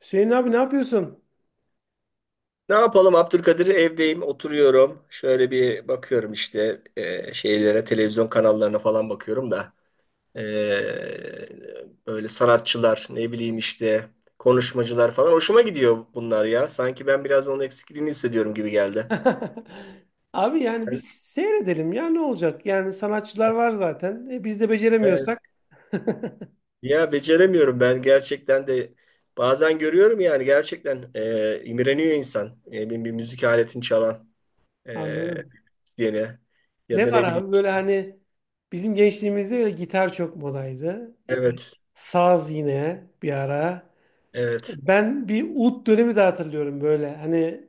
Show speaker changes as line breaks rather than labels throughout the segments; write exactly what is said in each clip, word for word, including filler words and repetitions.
Hüseyin abi ne yapıyorsun?
Ne yapalım Abdülkadir? Evdeyim, oturuyorum. Şöyle bir bakıyorum işte e, şeylere, televizyon kanallarına falan bakıyorum da e, böyle sanatçılar, ne bileyim işte konuşmacılar falan hoşuma gidiyor bunlar ya. Sanki ben biraz onun eksikliğini hissediyorum gibi geldi.
Abi yani biz
Sen-
seyredelim ya ne olacak? Yani sanatçılar var zaten. E, biz de
Evet.
beceremiyorsak.
Ya beceremiyorum ben gerçekten de bazen görüyorum yani gerçekten e, imreniyor insan. E, bir, bir müzik aletini çalan e,
Anladım.
diyene ya
Ne
da
var
ne bileyim
abi böyle
işte.
hani bizim gençliğimizde böyle gitar çok modaydı. İşte
Evet,
saz yine bir ara.
evet,
E, Ben bir ut dönemi de hatırlıyorum böyle. Hani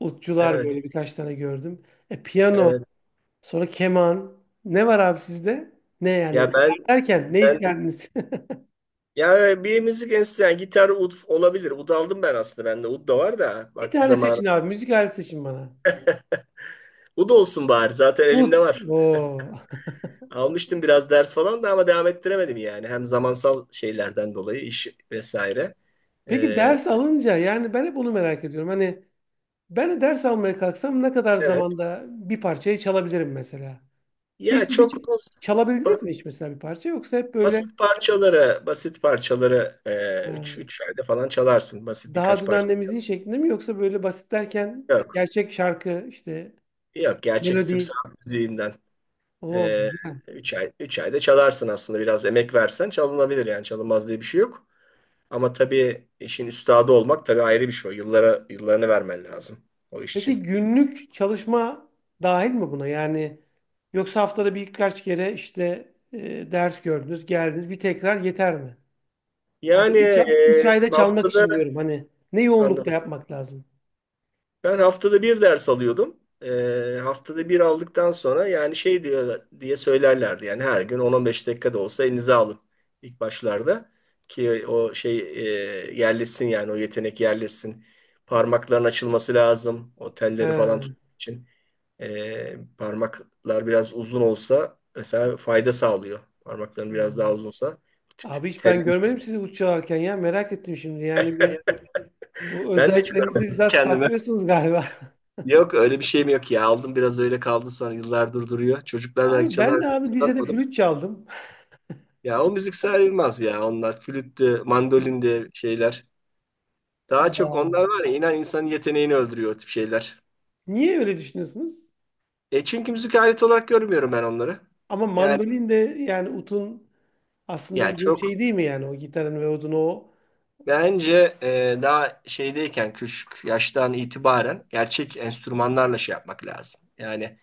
utçular
evet.
böyle birkaç tane gördüm. E, piyano,
Evet.
sonra keman. Ne var abi sizde? Ne yani?
Ya ben
Derken ne
ben
isterdiniz?
ya bir müzik enstrümanı yani gitar ud olabilir. Ud aldım ben aslında. Bende ud da var da
Bir
vakti
tane
zamanı.
seçin abi. Müzik aleti seçin bana.
Ud olsun bari. Zaten
Ut.
elimde var.
Oo.
Almıştım biraz ders falan da ama devam ettiremedim yani. Hem zamansal şeylerden dolayı iş vesaire.
Peki
Ee,
ders alınca yani ben hep onu merak ediyorum. Hani ben de ders almaya kalksam ne kadar
evet.
zamanda bir parçayı çalabilirim mesela?
Ya
Hiç bir
çok bas-
çalabildiniz
basit,
mi hiç mesela bir parça yoksa hep böyle
basit parçaları basit parçaları 3 üç,
ha,
üç ayda falan çalarsın. Basit
daha
birkaç
dün
parça.
annemizin şeklinde mi yoksa böyle basit derken
Yok.
gerçek şarkı işte
Yok. Gerçek Türk
melodi.
sanat müziğinden.
Oo,
Ee,
güzel.
üç ay, üç ayda çalarsın aslında biraz emek versen çalınabilir yani çalınmaz diye bir şey yok. Ama tabii işin üstadı olmak tabii ayrı bir şey. O Yıllara, yıllarını vermen lazım o iş için.
Peki günlük çalışma dahil mi buna? Yani yoksa haftada birkaç kere işte e, ders gördünüz, geldiniz bir tekrar yeter mi? Hani
Yani
3 üç, a- üç
e,
ayda çalmak
haftada
için diyorum hani ne yoğunlukta yapmak lazım?
Ben haftada bir ders alıyordum. Ee, haftada bir aldıktan sonra yani şey diyor diye söylerlerdi. Yani her gün on on beş dakika da olsa elinize alın ilk başlarda. Ki o şey e, yerleşsin yani o yetenek yerleşsin. Parmakların açılması lazım. O telleri falan
He,
tutmak için. Ee, parmaklar biraz uzun olsa mesela fayda sağlıyor. Parmakların
he.
biraz daha uzunsa. Bu tip
Abi hiç
tel.
ben görmedim sizi uç çalarken ya merak ettim şimdi yani bir bu
Ben de çok
özelliklerinizi biraz
kendime.
saklıyorsunuz galiba.
Yok öyle bir şeyim yok ya. Aldım biraz öyle kaldı sonra yıllardır duruyor. Çocuklar belki
Abi ben de
çalar diye
abi lisede
uzatmadım.
flüt çaldım.
Ya o müzik sayılmaz ya. Onlar flüttü, mandolindi şeyler. Daha çok
Aa.
onlar var ya, inan insanın yeteneğini öldürüyor o tip şeyler.
Niye öyle düşünüyorsunuz?
E çünkü müzik aleti olarak görmüyorum ben onları.
Ama
Yani
mandolin de yani utun aslında
yani
bu
çok
şey değil mi yani o gitarın ve odun o.
bence e, daha şeydeyken küçük yaştan itibaren gerçek enstrümanlarla şey yapmak lazım. Yani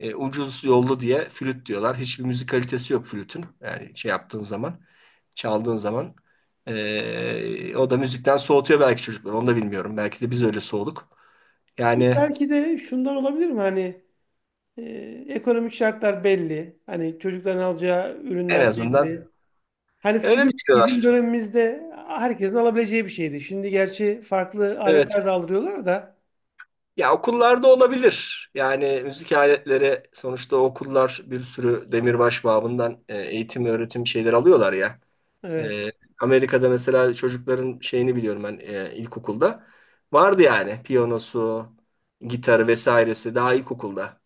e, ucuz yollu diye flüt diyorlar. Hiçbir müzik kalitesi yok flütün. Yani şey yaptığın zaman, çaldığın zaman. E, o da müzikten soğutuyor belki çocukları. Onu da bilmiyorum. Belki de biz öyle soğuduk.
Ama
Yani
belki de şundan olabilir mi hani e, ekonomik şartlar belli. Hani çocukların alacağı
en
ürünler
azından
belli. Hani
öyle
flüt bizim
düşünüyorlar.
dönemimizde herkesin alabileceği bir şeydi. Şimdi gerçi farklı
Evet.
aletler de aldırıyorlar da.
Ya okullarda olabilir. Yani müzik aletleri sonuçta okullar bir sürü demirbaş babından e, eğitim öğretim şeyler alıyorlar ya.
Evet.
E, Amerika'da mesela çocukların şeyini biliyorum ben e, ilkokulda. Vardı yani piyanosu, gitarı vesairesi daha ilkokulda.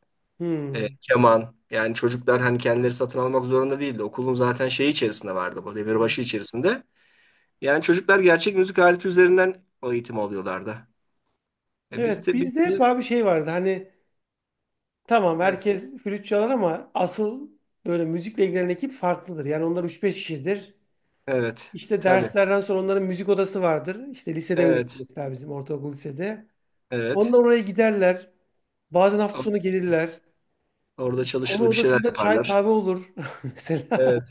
E,
Hmm.
keman yani çocuklar hani kendileri satın almak zorunda değildi. Okulun zaten şeyi içerisinde vardı, bu demirbaşı
Hmm.
içerisinde. Yani çocuklar gerçek müzik aleti üzerinden o eğitim alıyorlardı. E, biz
Evet,
de biz
bizde hep
de
abi şey vardı hani tamam
evet,
herkes flüt çalar ama asıl böyle müzikle ilgilenen ekip farklıdır. Yani onlar üç beş kişidir.
evet
İşte
tabii.
derslerden sonra onların müzik odası vardır. İşte lisede öyle
Evet,
mesela bizim ortaokul lisede.
evet.
Onlar oraya giderler. Bazen hafta
O-
sonu gelirler.
Orada
İşte onun
çalışır bir şeyler
odasında çay
yaparlar.
kahve olur mesela.
Evet.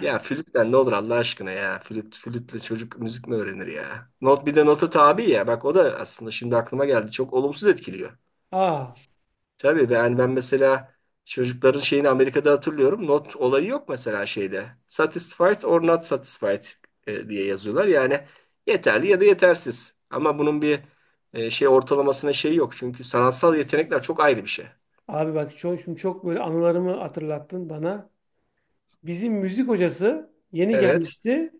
Ya flütten ne olur Allah aşkına ya. Flüt, flütle çocuk müzik mi öğrenir ya? Not, bir de nota tabi ya. Bak o da aslında şimdi aklıma geldi. Çok olumsuz etkiliyor.
Aa,
Tabii ben, ben mesela çocukların şeyini Amerika'da hatırlıyorum. Not olayı yok mesela şeyde. Satisfied or not satisfied e, diye yazıyorlar. Yani yeterli ya da yetersiz. Ama bunun bir e, şey ortalamasına şey yok. Çünkü sanatsal yetenekler çok ayrı bir şey.
abi bak çok, şimdi çok böyle anılarımı hatırlattın bana. Bizim müzik hocası yeni
Evet,
gelmişti.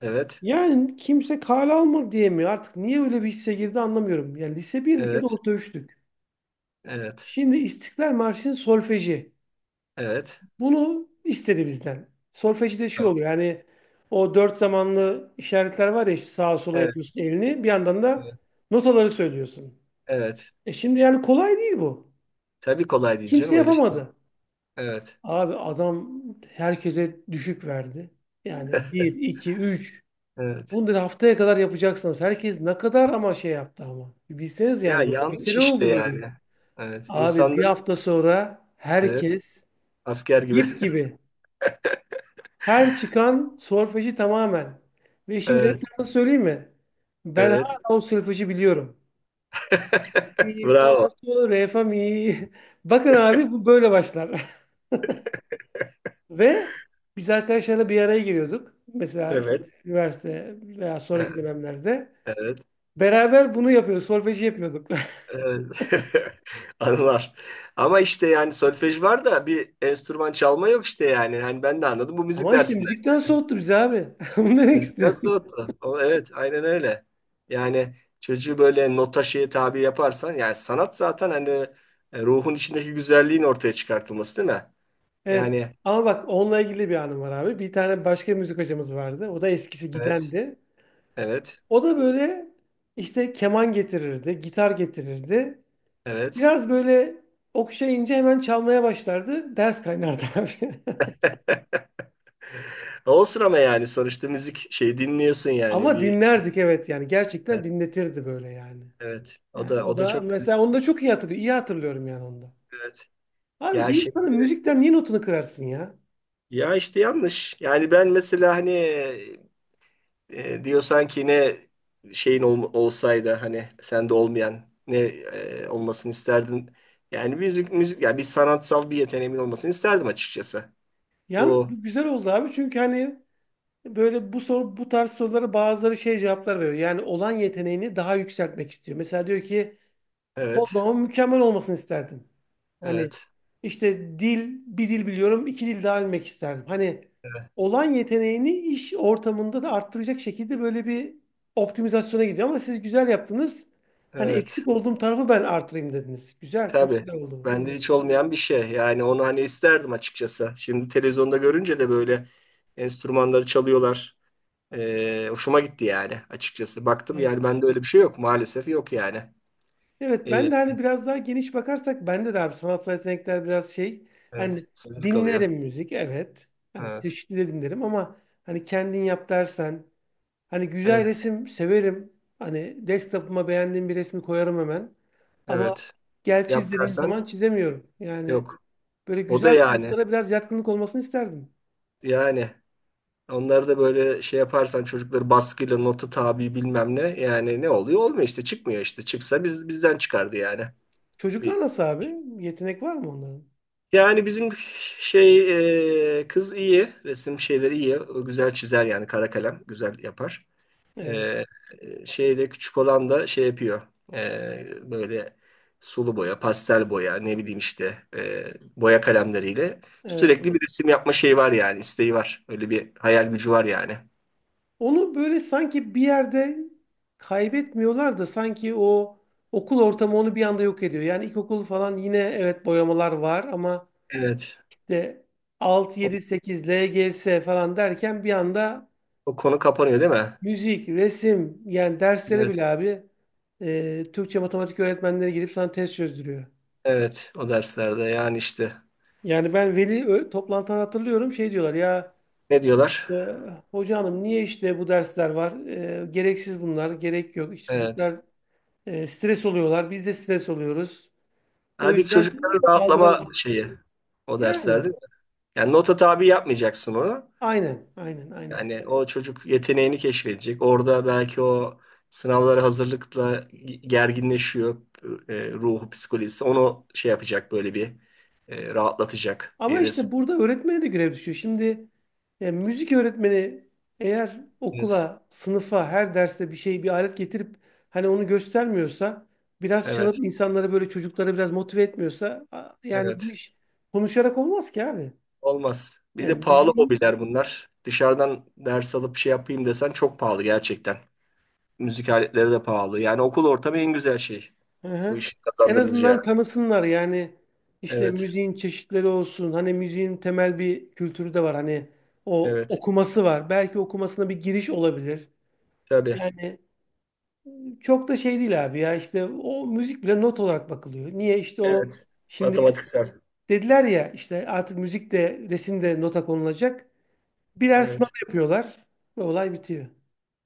evet,
Yani kimse kale almadı diye mi artık niye öyle bir hisse girdi anlamıyorum. Yani lise birdik ya da
evet.
orta üçtük.
Evet.
Şimdi İstiklal Marşı'nın solfeji.
Evet.
Bunu istedi bizden. Solfejde şey
Tamam.
oluyor yani o dört zamanlı işaretler var ya işte sağa sola
Evet.
yapıyorsun elini bir yandan da
Evet.
notaları söylüyorsun.
Evet.
E şimdi yani kolay değil bu.
Tabii kolay değil
Kimse
canım öyle şey olur.
yapamadı.
Evet.
Abi adam herkese düşük verdi. Yani bir, iki, üç.
Evet.
Bunları haftaya kadar yapacaksınız. Herkes ne kadar ama şey yaptı ama. Bilseniz yani
Ya
böyle
yanlış
mesele
işte
oldu böyle.
yani. Evet.
Abi bir
İnsanlar,
hafta sonra
evet.
herkes
Asker gibi.
ip gibi. Her çıkan solfeji tamamen. Ve işin garip
Evet.
tarafını söyleyeyim mi? Ben
Evet.
hala o solfeji biliyorum. Mi, fa,
Bravo.
sol, re, fa, mi. Bakın abi bu böyle başlar. Ve biz arkadaşlarla bir araya geliyorduk. Mesela işte
Evet.
üniversite veya
Evet.
sonraki dönemlerde.
Evet.
Beraber bunu yapıyoruz. Solfeji yapıyorduk.
Evet. Anılar. Ama işte yani solfej var da bir enstrüman çalma yok işte yani. Hani ben de anladım bu müzik
Ama işte
dersinden.
müzikten soğuttu bizi abi. Bunu demek
Müzikten
istiyorum.
soğuttu. O, evet, aynen öyle. Yani çocuğu böyle nota şeye tabi yaparsan, yani sanat zaten hani e, ruhun içindeki güzelliğin ortaya çıkartılması değil mi?
Evet.
Yani
Ama bak onunla ilgili bir anım var abi. Bir tane başka müzik hocamız vardı. O da eskisi
evet,
gidendi.
evet,
O da böyle işte keman getirirdi, gitar getirirdi.
evet.
Biraz böyle okşayınca hemen çalmaya başlardı. Ders kaynardı abi.
Olsun ama yani sonuçta müzik şey dinliyorsun yani
Ama
bir
dinlerdik, evet, yani gerçekten
evet,
dinletirdi böyle yani.
evet. O
Yani
da
o
o da
da
çok güzel.
mesela onu da çok iyi hatırlıyor. İyi hatırlıyorum yani onu da.
Evet.
Abi
Ya
bir insanın
şimdi
müzikten niye notunu kırarsın ya?
ya işte yanlış. Yani ben mesela hani E, diyorsan ki ne şeyin ol- olsaydı hani sende olmayan ne e, olmasını isterdin? Yani müzik müzik yani bir sanatsal bir yeteneğimin olmasını isterdim açıkçası.
Yalnız
Bu
bu güzel oldu abi çünkü hani böyle bu soru bu tarz sorulara bazıları şey cevaplar veriyor. Yani olan yeteneğini daha yükseltmek istiyor. Mesela diyor ki
evet,
kodlamamın mükemmel olmasını isterdim. Hani
evet,
işte dil, bir dil biliyorum, iki dil daha bilmek isterdim. Hani
evet,
olan yeteneğini iş ortamında da arttıracak şekilde böyle bir optimizasyona gidiyor. Ama siz güzel yaptınız. Hani
evet,
eksik olduğum tarafı ben artırayım dediniz. Güzel, çok
tabii,
güzel oldu.
bende
Hani,
hiç olmayan bir şey yani onu hani isterdim açıkçası. Şimdi televizyonda görünce de böyle enstrümanları çalıyorlar. E, hoşuma gitti yani açıkçası. Baktım
evet.
yani bende öyle bir şey yok maalesef, yok yani.
Evet,
E,
ben de hani biraz daha geniş bakarsak bende de abi sanatsal yetenekler biraz şey. Hani
evet sınır kalıyor.
dinlerim müzik, evet. Hani
Evet.
çeşitli de dinlerim ama hani kendin yap dersen hani güzel
Evet.
resim severim. Hani desktop'uma beğendiğim bir resmi koyarım hemen. Ama
Evet.
gel çiz
Yap
dediğim zaman
dersen
çizemiyorum. Yani
yok.
böyle
O da
güzel
yani.
sanatlara biraz yatkınlık olmasını isterdim.
Yani onları da böyle şey yaparsan çocukları baskıyla nota tabi bilmem ne, yani ne oluyor? Olmuyor işte, çıkmıyor işte. Çıksa biz bizden çıkardı yani.
Çocuklar
Bir
nasıl abi? Yetenek var mı onların?
yani bizim şey, e, kız iyi. Resim şeyleri iyi. O güzel çizer yani, kara kalem güzel yapar.
Evet,
Ee, şeyde küçük olan da şey yapıyor. Ee, böyle sulu boya, pastel boya, ne bileyim işte e, boya kalemleriyle
evet.
sürekli bir resim yapma şeyi var yani, isteği var. Öyle bir hayal gücü var yani.
Onu böyle sanki bir yerde kaybetmiyorlar da sanki o okul ortamı onu bir anda yok ediyor. Yani ilkokul falan yine evet boyamalar var ama
Evet.
de altı,
O,
yedi, sekiz, L G S falan derken bir anda
o konu kapanıyor değil mi?
müzik, resim yani derslere
Evet.
bile abi e, Türkçe matematik öğretmenleri gelip sana test çözdürüyor.
Evet. O derslerde yani işte
Yani ben veli ö- toplantılarını hatırlıyorum şey diyorlar ya
ne diyorlar?
e, hoca hanım niye işte bu dersler var? E, gereksiz bunlar, gerek yok. İşte
Evet.
çocuklar e, stres oluyorlar, biz de stres oluyoruz. O
Halbuki
yüzden
çocukların rahatlama
kaldıralım.
şeyi o
Yani
derslerde. Yani nota tabi yapmayacaksın onu.
aynen, aynen, aynen.
Yani o çocuk yeteneğini keşfedecek. Orada belki o sınavlara hazırlıkla gerginleşiyor e, ruhu, psikolojisi. Onu şey yapacak böyle bir e, rahatlatacak
Ama
bir resim.
işte burada öğretmene de görev düşüyor. Şimdi e, müzik öğretmeni eğer
Evet,
okula, sınıfa, her derste bir şey, bir alet getirip hani onu göstermiyorsa, biraz
evet,
çalıp insanları böyle çocukları biraz motive etmiyorsa a- yani bu
evet.
iş konuşarak olmaz ki abi.
Olmaz. Bir de
Yani
pahalı
müziğin,
hobiler bunlar. Dışarıdan ders alıp şey yapayım desen çok pahalı gerçekten. Müzik aletleri de pahalı. Yani okul ortamı en güzel şey.
hı
Bu
hı,
işin
en
kazandırılacağı.
azından tanısınlar yani işte
Evet,
müziğin çeşitleri olsun. Hani müziğin temel bir kültürü de var. Hani o
evet.
okuması var. Belki okumasına bir giriş olabilir.
Tabii.
Yani çok da şey değil abi ya işte o müzik bile not olarak bakılıyor. Niye işte o
Evet.
şimdi
Matematiksel.
dediler ya işte artık müzik de resim de nota konulacak. Birer sınav
Evet.
yapıyorlar ve olay bitiyor.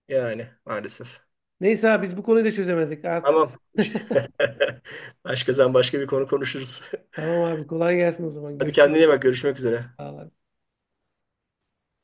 Yani maalesef.
Neyse abi biz bu konuyu da çözemedik artık.
Tamam. Başka zaman başka bir konu konuşuruz.
Tamam abi kolay gelsin o zaman
Hadi
görüşürüz.
kendine iyi bak. Görüşmek üzere.
Sağ ol abi.